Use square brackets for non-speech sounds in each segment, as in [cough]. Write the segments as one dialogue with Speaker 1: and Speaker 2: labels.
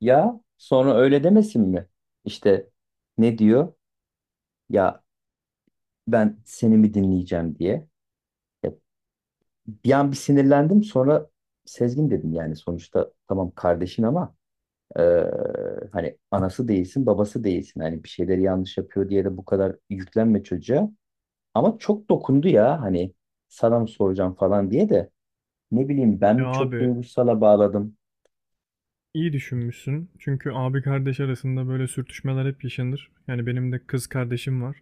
Speaker 1: Ya sonra öyle demesin mi? İşte ne diyor? Ya ben seni mi dinleyeceğim diye. Ya bir an bir sinirlendim sonra Sezgin dedim yani sonuçta tamam kardeşin ama eee, hani anası değilsin babası değilsin. Hani bir şeyleri yanlış yapıyor diye de bu kadar yüklenme çocuğa. Ama çok dokundu ya hani sana mı soracağım falan diye de ne bileyim ben
Speaker 2: Ya
Speaker 1: mi çok
Speaker 2: abi,
Speaker 1: duygusala bağladım.
Speaker 2: iyi düşünmüşsün. Çünkü abi kardeş arasında böyle sürtüşmeler hep yaşanır. Yani benim de kız kardeşim var.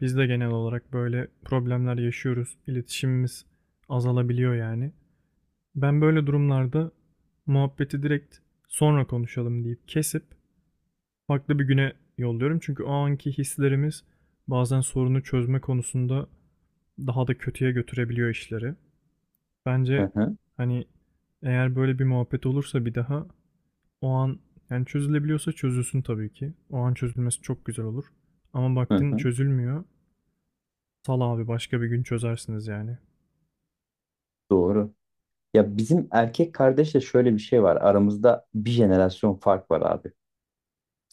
Speaker 2: Biz de genel olarak böyle problemler yaşıyoruz. İletişimimiz azalabiliyor yani. Ben böyle durumlarda muhabbeti direkt sonra konuşalım deyip kesip farklı bir güne yolluyorum. Çünkü o anki hislerimiz bazen sorunu çözme konusunda daha da kötüye götürebiliyor işleri. Bence
Speaker 1: Hı hı,
Speaker 2: hani eğer böyle bir muhabbet olursa bir daha, o an, yani çözülebiliyorsa çözülsün tabii ki. O an çözülmesi çok güzel olur. Ama
Speaker 1: hı
Speaker 2: baktın
Speaker 1: hı.
Speaker 2: çözülmüyor. Sal abi, başka bir gün çözersiniz yani.
Speaker 1: Doğru. Ya bizim erkek kardeşle şöyle bir şey var. Aramızda bir jenerasyon fark var abi.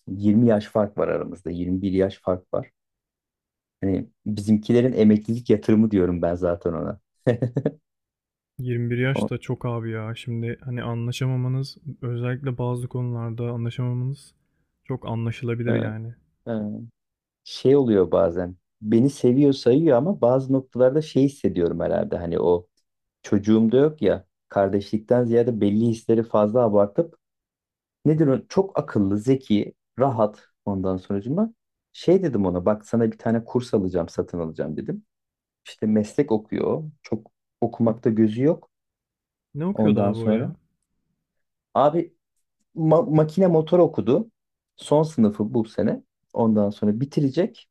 Speaker 1: 20 yaş fark var aramızda. 21 yaş fark var. Hani bizimkilerin emeklilik yatırımı diyorum ben zaten ona.
Speaker 2: 21
Speaker 1: O,
Speaker 2: yaş da çok abi ya. Şimdi hani anlaşamamanız, özellikle bazı konularda anlaşamamanız çok
Speaker 1: e,
Speaker 2: anlaşılabilir yani.
Speaker 1: e, şey oluyor bazen. Beni seviyor sayıyor ama bazı noktalarda şey hissediyorum herhalde. Hani o çocuğum da yok ya. Kardeşlikten ziyade belli hisleri fazla abartıp nedir o? Çok akıllı, zeki, rahat ondan sonucuma. Şey dedim ona bak sana bir tane kurs alacağım, satın alacağım dedim. İşte meslek okuyor. Çok okumakta gözü yok
Speaker 2: Ne okuyordu
Speaker 1: ondan
Speaker 2: abi o
Speaker 1: sonra.
Speaker 2: ya?
Speaker 1: Abi makine motor okudu. Son sınıfı bu sene. Ondan sonra bitirecek.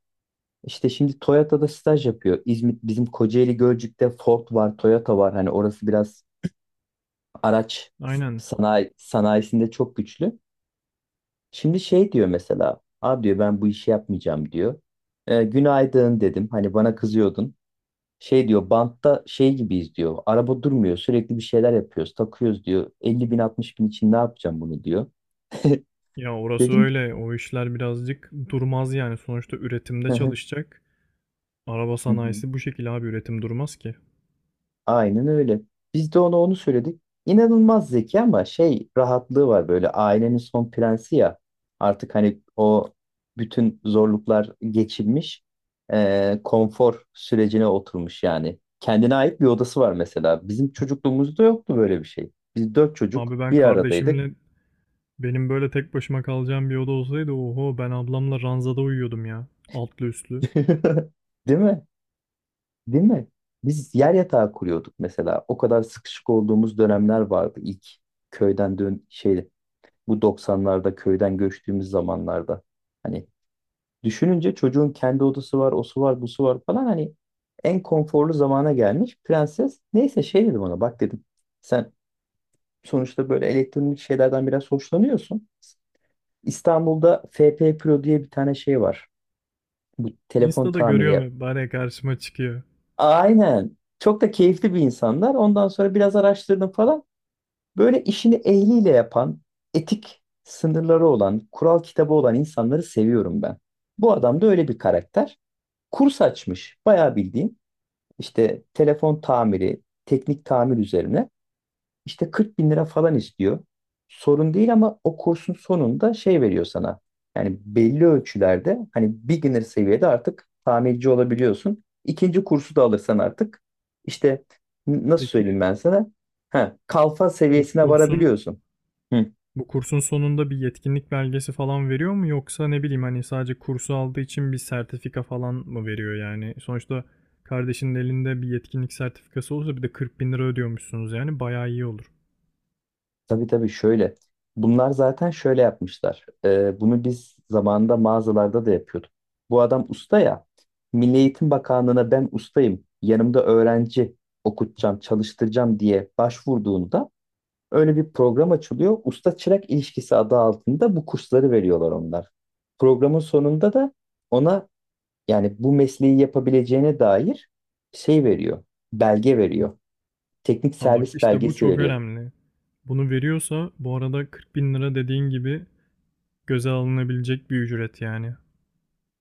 Speaker 1: İşte şimdi Toyota'da staj yapıyor. İzmit bizim Kocaeli Gölcük'te Ford var, Toyota var. Hani orası biraz araç
Speaker 2: Aynen.
Speaker 1: sanayisinde çok güçlü. Şimdi şey diyor mesela. Abi diyor ben bu işi yapmayacağım diyor. E, günaydın dedim. Hani bana kızıyordun. Şey diyor bantta şey gibiyiz diyor. Araba durmuyor sürekli bir şeyler yapıyoruz takıyoruz diyor. 50 bin 60 bin için ne yapacağım bunu diyor. [laughs]
Speaker 2: Ya orası
Speaker 1: Dedim.
Speaker 2: öyle. O işler birazcık durmaz yani. Sonuçta üretimde
Speaker 1: "Hı hı,
Speaker 2: çalışacak. Araba
Speaker 1: hı hı."
Speaker 2: sanayisi bu şekilde abi, üretim durmaz ki.
Speaker 1: Aynen öyle. Biz de ona onu söyledik. İnanılmaz zeki ama şey rahatlığı var böyle ailenin son prensi ya. Artık hani o bütün zorluklar geçilmiş. Konfor sürecine oturmuş yani. Kendine ait bir odası var mesela. Bizim çocukluğumuzda yoktu böyle bir şey. Biz dört çocuk
Speaker 2: Abi ben
Speaker 1: bir aradaydık.
Speaker 2: kardeşimle Benim böyle tek başıma kalacağım bir oda olsaydı oho, ben ablamla ranzada uyuyordum ya. Altlı üstlü.
Speaker 1: [laughs] Değil mi? Değil mi? Biz yer yatağı kuruyorduk mesela. O kadar sıkışık olduğumuz dönemler vardı ilk köyden dön şey bu 90'larda köyden göçtüğümüz zamanlarda. Hani düşününce çocuğun kendi odası var, osu var, busu var falan hani en konforlu zamana gelmiş prenses. Neyse şey dedim ona bak dedim. Sen sonuçta böyle elektronik şeylerden biraz hoşlanıyorsun. İstanbul'da FP Pro diye bir tane şey var. Bu telefon
Speaker 2: Insta'da görüyorum
Speaker 1: tamiri.
Speaker 2: hep, bari karşıma çıkıyor.
Speaker 1: Aynen. Çok da keyifli bir insanlar. Ondan sonra biraz araştırdım falan. Böyle işini ehliyle yapan, etik sınırları olan, kural kitabı olan insanları seviyorum ben. Bu adam da öyle bir karakter. Kurs açmış, bayağı bildiğin. İşte telefon tamiri, teknik tamir üzerine. İşte 40 bin lira falan istiyor. Sorun değil ama o kursun sonunda şey veriyor sana. Yani belli ölçülerde hani beginner seviyede artık tamirci olabiliyorsun. İkinci kursu da alırsan artık işte nasıl söyleyeyim
Speaker 2: Peki
Speaker 1: ben sana? Ha, kalfa
Speaker 2: bu
Speaker 1: seviyesine
Speaker 2: kursun
Speaker 1: varabiliyorsun. Hı.
Speaker 2: bu kursun sonunda bir yetkinlik belgesi falan veriyor mu, yoksa ne bileyim hani sadece kursu aldığı için bir sertifika falan mı veriyor yani? Sonuçta kardeşinin elinde bir yetkinlik sertifikası olsa, bir de 40 bin lira ödüyormuşsunuz, yani bayağı iyi olur.
Speaker 1: Tabii tabii şöyle. Bunlar zaten şöyle yapmışlar. Bunu biz zamanında mağazalarda da yapıyorduk. Bu adam usta ya. Milli Eğitim Bakanlığı'na ben ustayım. Yanımda öğrenci okutacağım, çalıştıracağım diye başvurduğunda öyle bir program açılıyor. Usta çırak ilişkisi adı altında bu kursları veriyorlar onlar. Programın sonunda da ona yani bu mesleği yapabileceğine dair şey veriyor. Belge veriyor. Teknik
Speaker 2: Ha bak,
Speaker 1: servis
Speaker 2: işte bu
Speaker 1: belgesi
Speaker 2: çok
Speaker 1: veriyor.
Speaker 2: önemli. Bunu veriyorsa, bu arada 40 bin lira dediğin gibi göze alınabilecek bir ücret yani.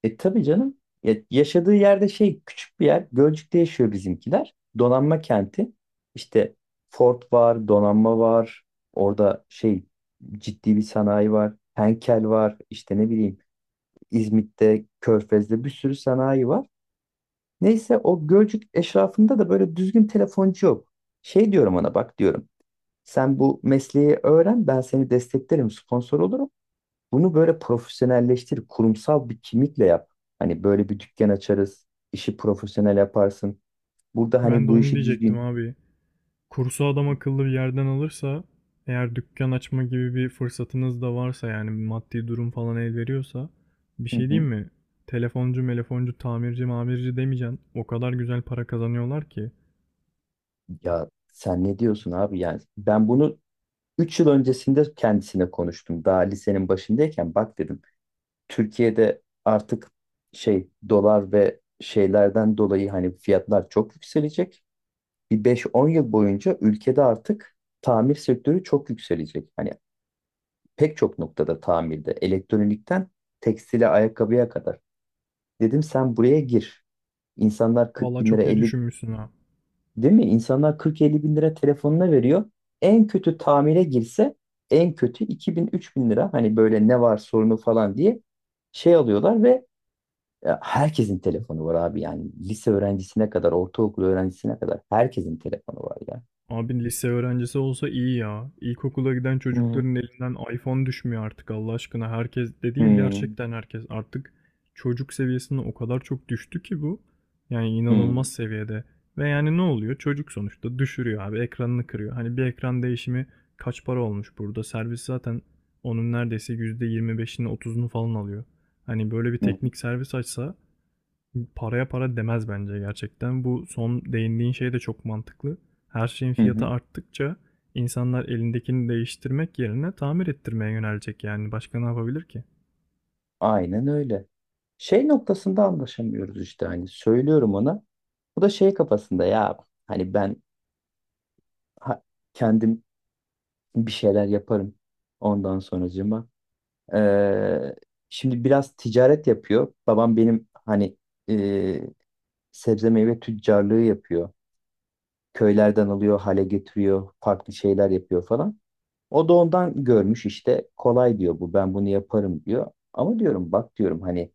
Speaker 1: E tabii canım. Ya, yaşadığı yerde şey küçük bir yer. Gölcük'te yaşıyor bizimkiler. Donanma kenti. İşte Ford var, donanma var. Orada şey ciddi bir sanayi var. Henkel var. İşte ne bileyim İzmit'te, Körfez'de bir sürü sanayi var. Neyse o Gölcük eşrafında da böyle düzgün telefoncu yok. Şey diyorum ona bak diyorum. Sen bu mesleği öğren ben seni desteklerim, sponsor olurum. Bunu böyle profesyonelleştir, kurumsal bir kimlikle yap. Hani böyle bir dükkan açarız, işi profesyonel yaparsın. Burada hani
Speaker 2: Ben de
Speaker 1: bu
Speaker 2: onu
Speaker 1: işi
Speaker 2: diyecektim
Speaker 1: düzgün.
Speaker 2: abi. Kursu adam akıllı bir yerden alırsa, eğer dükkan açma gibi bir fırsatınız da varsa, yani maddi durum falan el veriyorsa, bir
Speaker 1: Hı
Speaker 2: şey
Speaker 1: hı.
Speaker 2: diyeyim mi? Telefoncu, melefoncu, tamirci, mamirci demeyeceksin. O kadar güzel para kazanıyorlar ki.
Speaker 1: Ya sen ne diyorsun abi? Yani ben bunu 3 yıl öncesinde kendisine konuştum. Daha lisenin başındayken bak dedim. Türkiye'de artık şey dolar ve şeylerden dolayı hani fiyatlar çok yükselecek. Bir 5-10 yıl boyunca ülkede artık tamir sektörü çok yükselecek. Hani pek çok noktada tamirde, elektronikten tekstile, ayakkabıya kadar. Dedim sen buraya gir. İnsanlar 40
Speaker 2: Valla
Speaker 1: bin lira
Speaker 2: çok iyi
Speaker 1: 50
Speaker 2: düşünmüşsün ha.
Speaker 1: değil mi? İnsanlar 40-50 bin lira telefonuna veriyor. En kötü tamire girse en kötü 2000 bin lira hani böyle ne var sorunu falan diye şey alıyorlar ve ya herkesin telefonu var abi yani lise öğrencisine kadar ortaokul öğrencisine kadar herkesin telefonu var ya.
Speaker 2: Abi lise öğrencisi olsa iyi ya. İlkokula giden
Speaker 1: Hı
Speaker 2: çocukların elinden iPhone düşmüyor artık, Allah aşkına. Herkes dediğin
Speaker 1: hı,
Speaker 2: gerçekten herkes artık, çocuk seviyesine o kadar çok düştü ki bu. Yani
Speaker 1: hı
Speaker 2: inanılmaz seviyede. Ve yani ne oluyor? Çocuk sonuçta düşürüyor abi, ekranını kırıyor. Hani bir ekran değişimi kaç para olmuş burada? Servis zaten onun neredeyse %25'ini, 30'unu falan alıyor. Hani böyle bir
Speaker 1: hı,
Speaker 2: teknik servis açsa, paraya para demez bence gerçekten. Bu son değindiğin şey de çok mantıklı. Her şeyin fiyatı
Speaker 1: hı.
Speaker 2: arttıkça insanlar elindekini değiştirmek yerine tamir ettirmeye yönelecek yani. Başka ne yapabilir ki?
Speaker 1: Aynen öyle. Şey noktasında anlaşamıyoruz işte hani söylüyorum ona. Bu da şey kafasında ya hani ben ha- kendim bir şeyler yaparım ondan sonracığıma. Ee, Şimdi biraz ticaret yapıyor. Babam benim hani e, sebze meyve tüccarlığı yapıyor. Köylerden alıyor, hale getiriyor, farklı şeyler yapıyor falan. O da ondan görmüş işte kolay diyor bu ben bunu yaparım diyor. Ama diyorum bak diyorum hani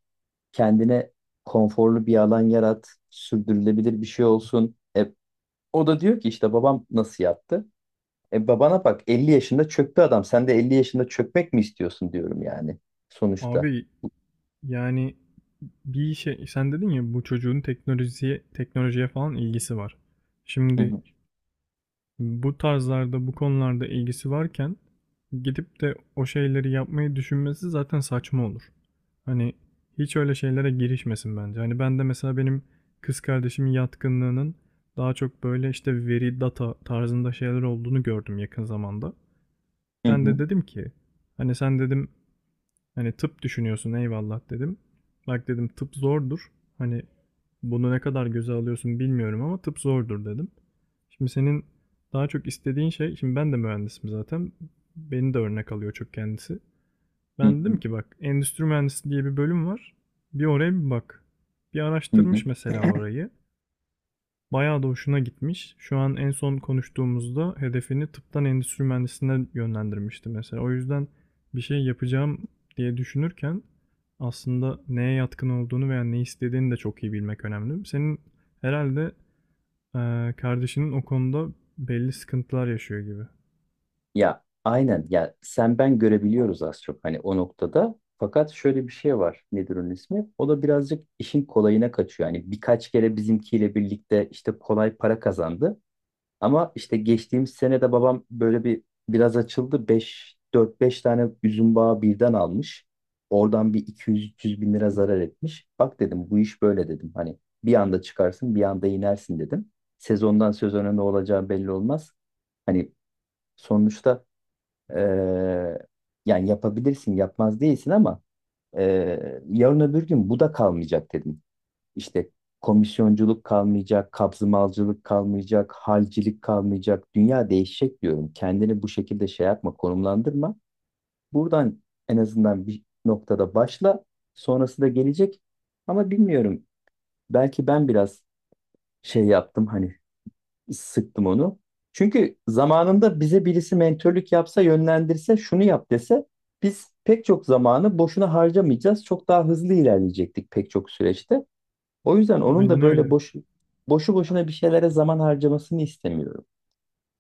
Speaker 1: kendine konforlu bir alan yarat, sürdürülebilir bir şey olsun. E, o da diyor ki işte babam nasıl yaptı? E babana bak 50 yaşında çöktü adam. Sen de 50 yaşında çökmek mi istiyorsun diyorum yani sonuçta.
Speaker 2: Abi yani, bir şey sen dedin ya, bu çocuğun teknolojiye teknolojiye falan ilgisi var.
Speaker 1: Hı
Speaker 2: Şimdi
Speaker 1: hı.
Speaker 2: bu tarzlarda, bu konularda ilgisi varken, gidip de o şeyleri yapmayı düşünmesi zaten saçma olur. Hani hiç öyle şeylere girişmesin bence. Hani ben de mesela, benim kız kardeşimin yatkınlığının daha çok böyle işte veri, data tarzında şeyler olduğunu gördüm yakın zamanda.
Speaker 1: Hı
Speaker 2: Ben
Speaker 1: hı.
Speaker 2: de dedim ki, hani sen dedim, hani tıp düşünüyorsun, eyvallah dedim. Bak dedim, tıp zordur. Hani bunu ne kadar göze alıyorsun bilmiyorum ama tıp zordur dedim. Şimdi senin daha çok istediğin şey, şimdi ben de mühendisim zaten. Beni de örnek alıyor çok kendisi.
Speaker 1: Hı
Speaker 2: Ben dedim
Speaker 1: hı.
Speaker 2: ki, bak endüstri mühendisi diye bir bölüm var. Bir oraya bir bak. Bir
Speaker 1: Hı
Speaker 2: araştırmış
Speaker 1: hı.
Speaker 2: mesela orayı. Bayağı da hoşuna gitmiş. Şu an en son konuştuğumuzda hedefini tıptan endüstri mühendisliğine yönlendirmişti mesela. O yüzden bir şey yapacağım diye düşünürken aslında neye yatkın olduğunu veya ne istediğini de çok iyi bilmek önemli. Senin herhalde e, kardeşinin o konuda belli sıkıntılar yaşıyor gibi.
Speaker 1: Ya aynen ya sen ben görebiliyoruz az çok hani o noktada. Fakat şöyle bir şey var. Nedir onun ismi? O da birazcık işin kolayına kaçıyor. Hani birkaç kere bizimkiyle birlikte işte kolay para kazandı. Ama işte geçtiğimiz sene de babam böyle bir biraz açıldı. Beş dört beş tane üzüm bağı birden almış. Oradan bir 200 yüz bin lira zarar etmiş. Bak dedim bu iş böyle dedim. Hani bir anda çıkarsın bir anda inersin dedim. Sezondan sezona ne olacağı belli olmaz. Hani sonuçta eee, yani yapabilirsin yapmaz değilsin ama yarın öbür gün bu da kalmayacak dedim. İşte komisyonculuk kalmayacak, kabzımalcılık kalmayacak, halcilik kalmayacak. Dünya değişecek diyorum. Kendini bu şekilde şey yapma, konumlandırma. Buradan en azından bir noktada başla. Sonrası da gelecek. Ama bilmiyorum. Belki ben biraz şey yaptım hani sıktım onu. Çünkü zamanında bize birisi mentörlük yapsa, yönlendirse, şunu yap dese biz pek çok zamanı boşuna harcamayacağız. Çok daha hızlı ilerleyecektik pek çok süreçte. O yüzden onun da
Speaker 2: Aynen
Speaker 1: böyle
Speaker 2: öyle.
Speaker 1: boşuna bir şeylere zaman harcamasını istemiyorum.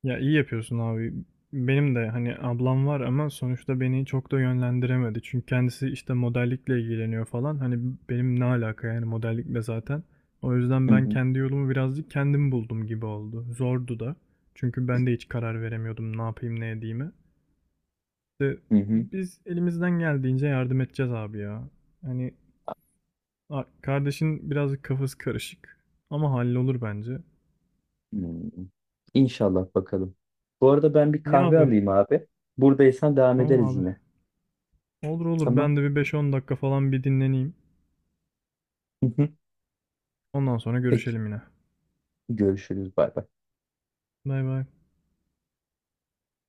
Speaker 2: Ya iyi yapıyorsun abi. Benim de hani ablam var ama sonuçta beni çok da yönlendiremedi. Çünkü kendisi işte modellikle ilgileniyor falan. Hani benim ne alaka yani modellikle zaten. O yüzden
Speaker 1: Hı
Speaker 2: ben
Speaker 1: hı,
Speaker 2: kendi yolumu birazcık kendim buldum gibi oldu. Zordu da. Çünkü ben de hiç karar veremiyordum ne yapayım ne edeyimi. İşte
Speaker 1: hı hı,
Speaker 2: biz elimizden geldiğince yardım edeceğiz abi ya. Hani kardeşin birazcık kafası karışık ama hallolur bence.
Speaker 1: hı. İnşallah bakalım. Bu arada ben bir
Speaker 2: İyi
Speaker 1: kahve
Speaker 2: abi.
Speaker 1: alayım abi. Buradaysan devam
Speaker 2: Tamam
Speaker 1: ederiz
Speaker 2: abi.
Speaker 1: yine.
Speaker 2: Olur olur,
Speaker 1: Tamam.
Speaker 2: ben de bir beş on dakika falan bir dinleneyim.
Speaker 1: Hı hı.
Speaker 2: Ondan sonra
Speaker 1: Peki.
Speaker 2: görüşelim yine.
Speaker 1: Görüşürüz. Bay bay.
Speaker 2: Bay bay.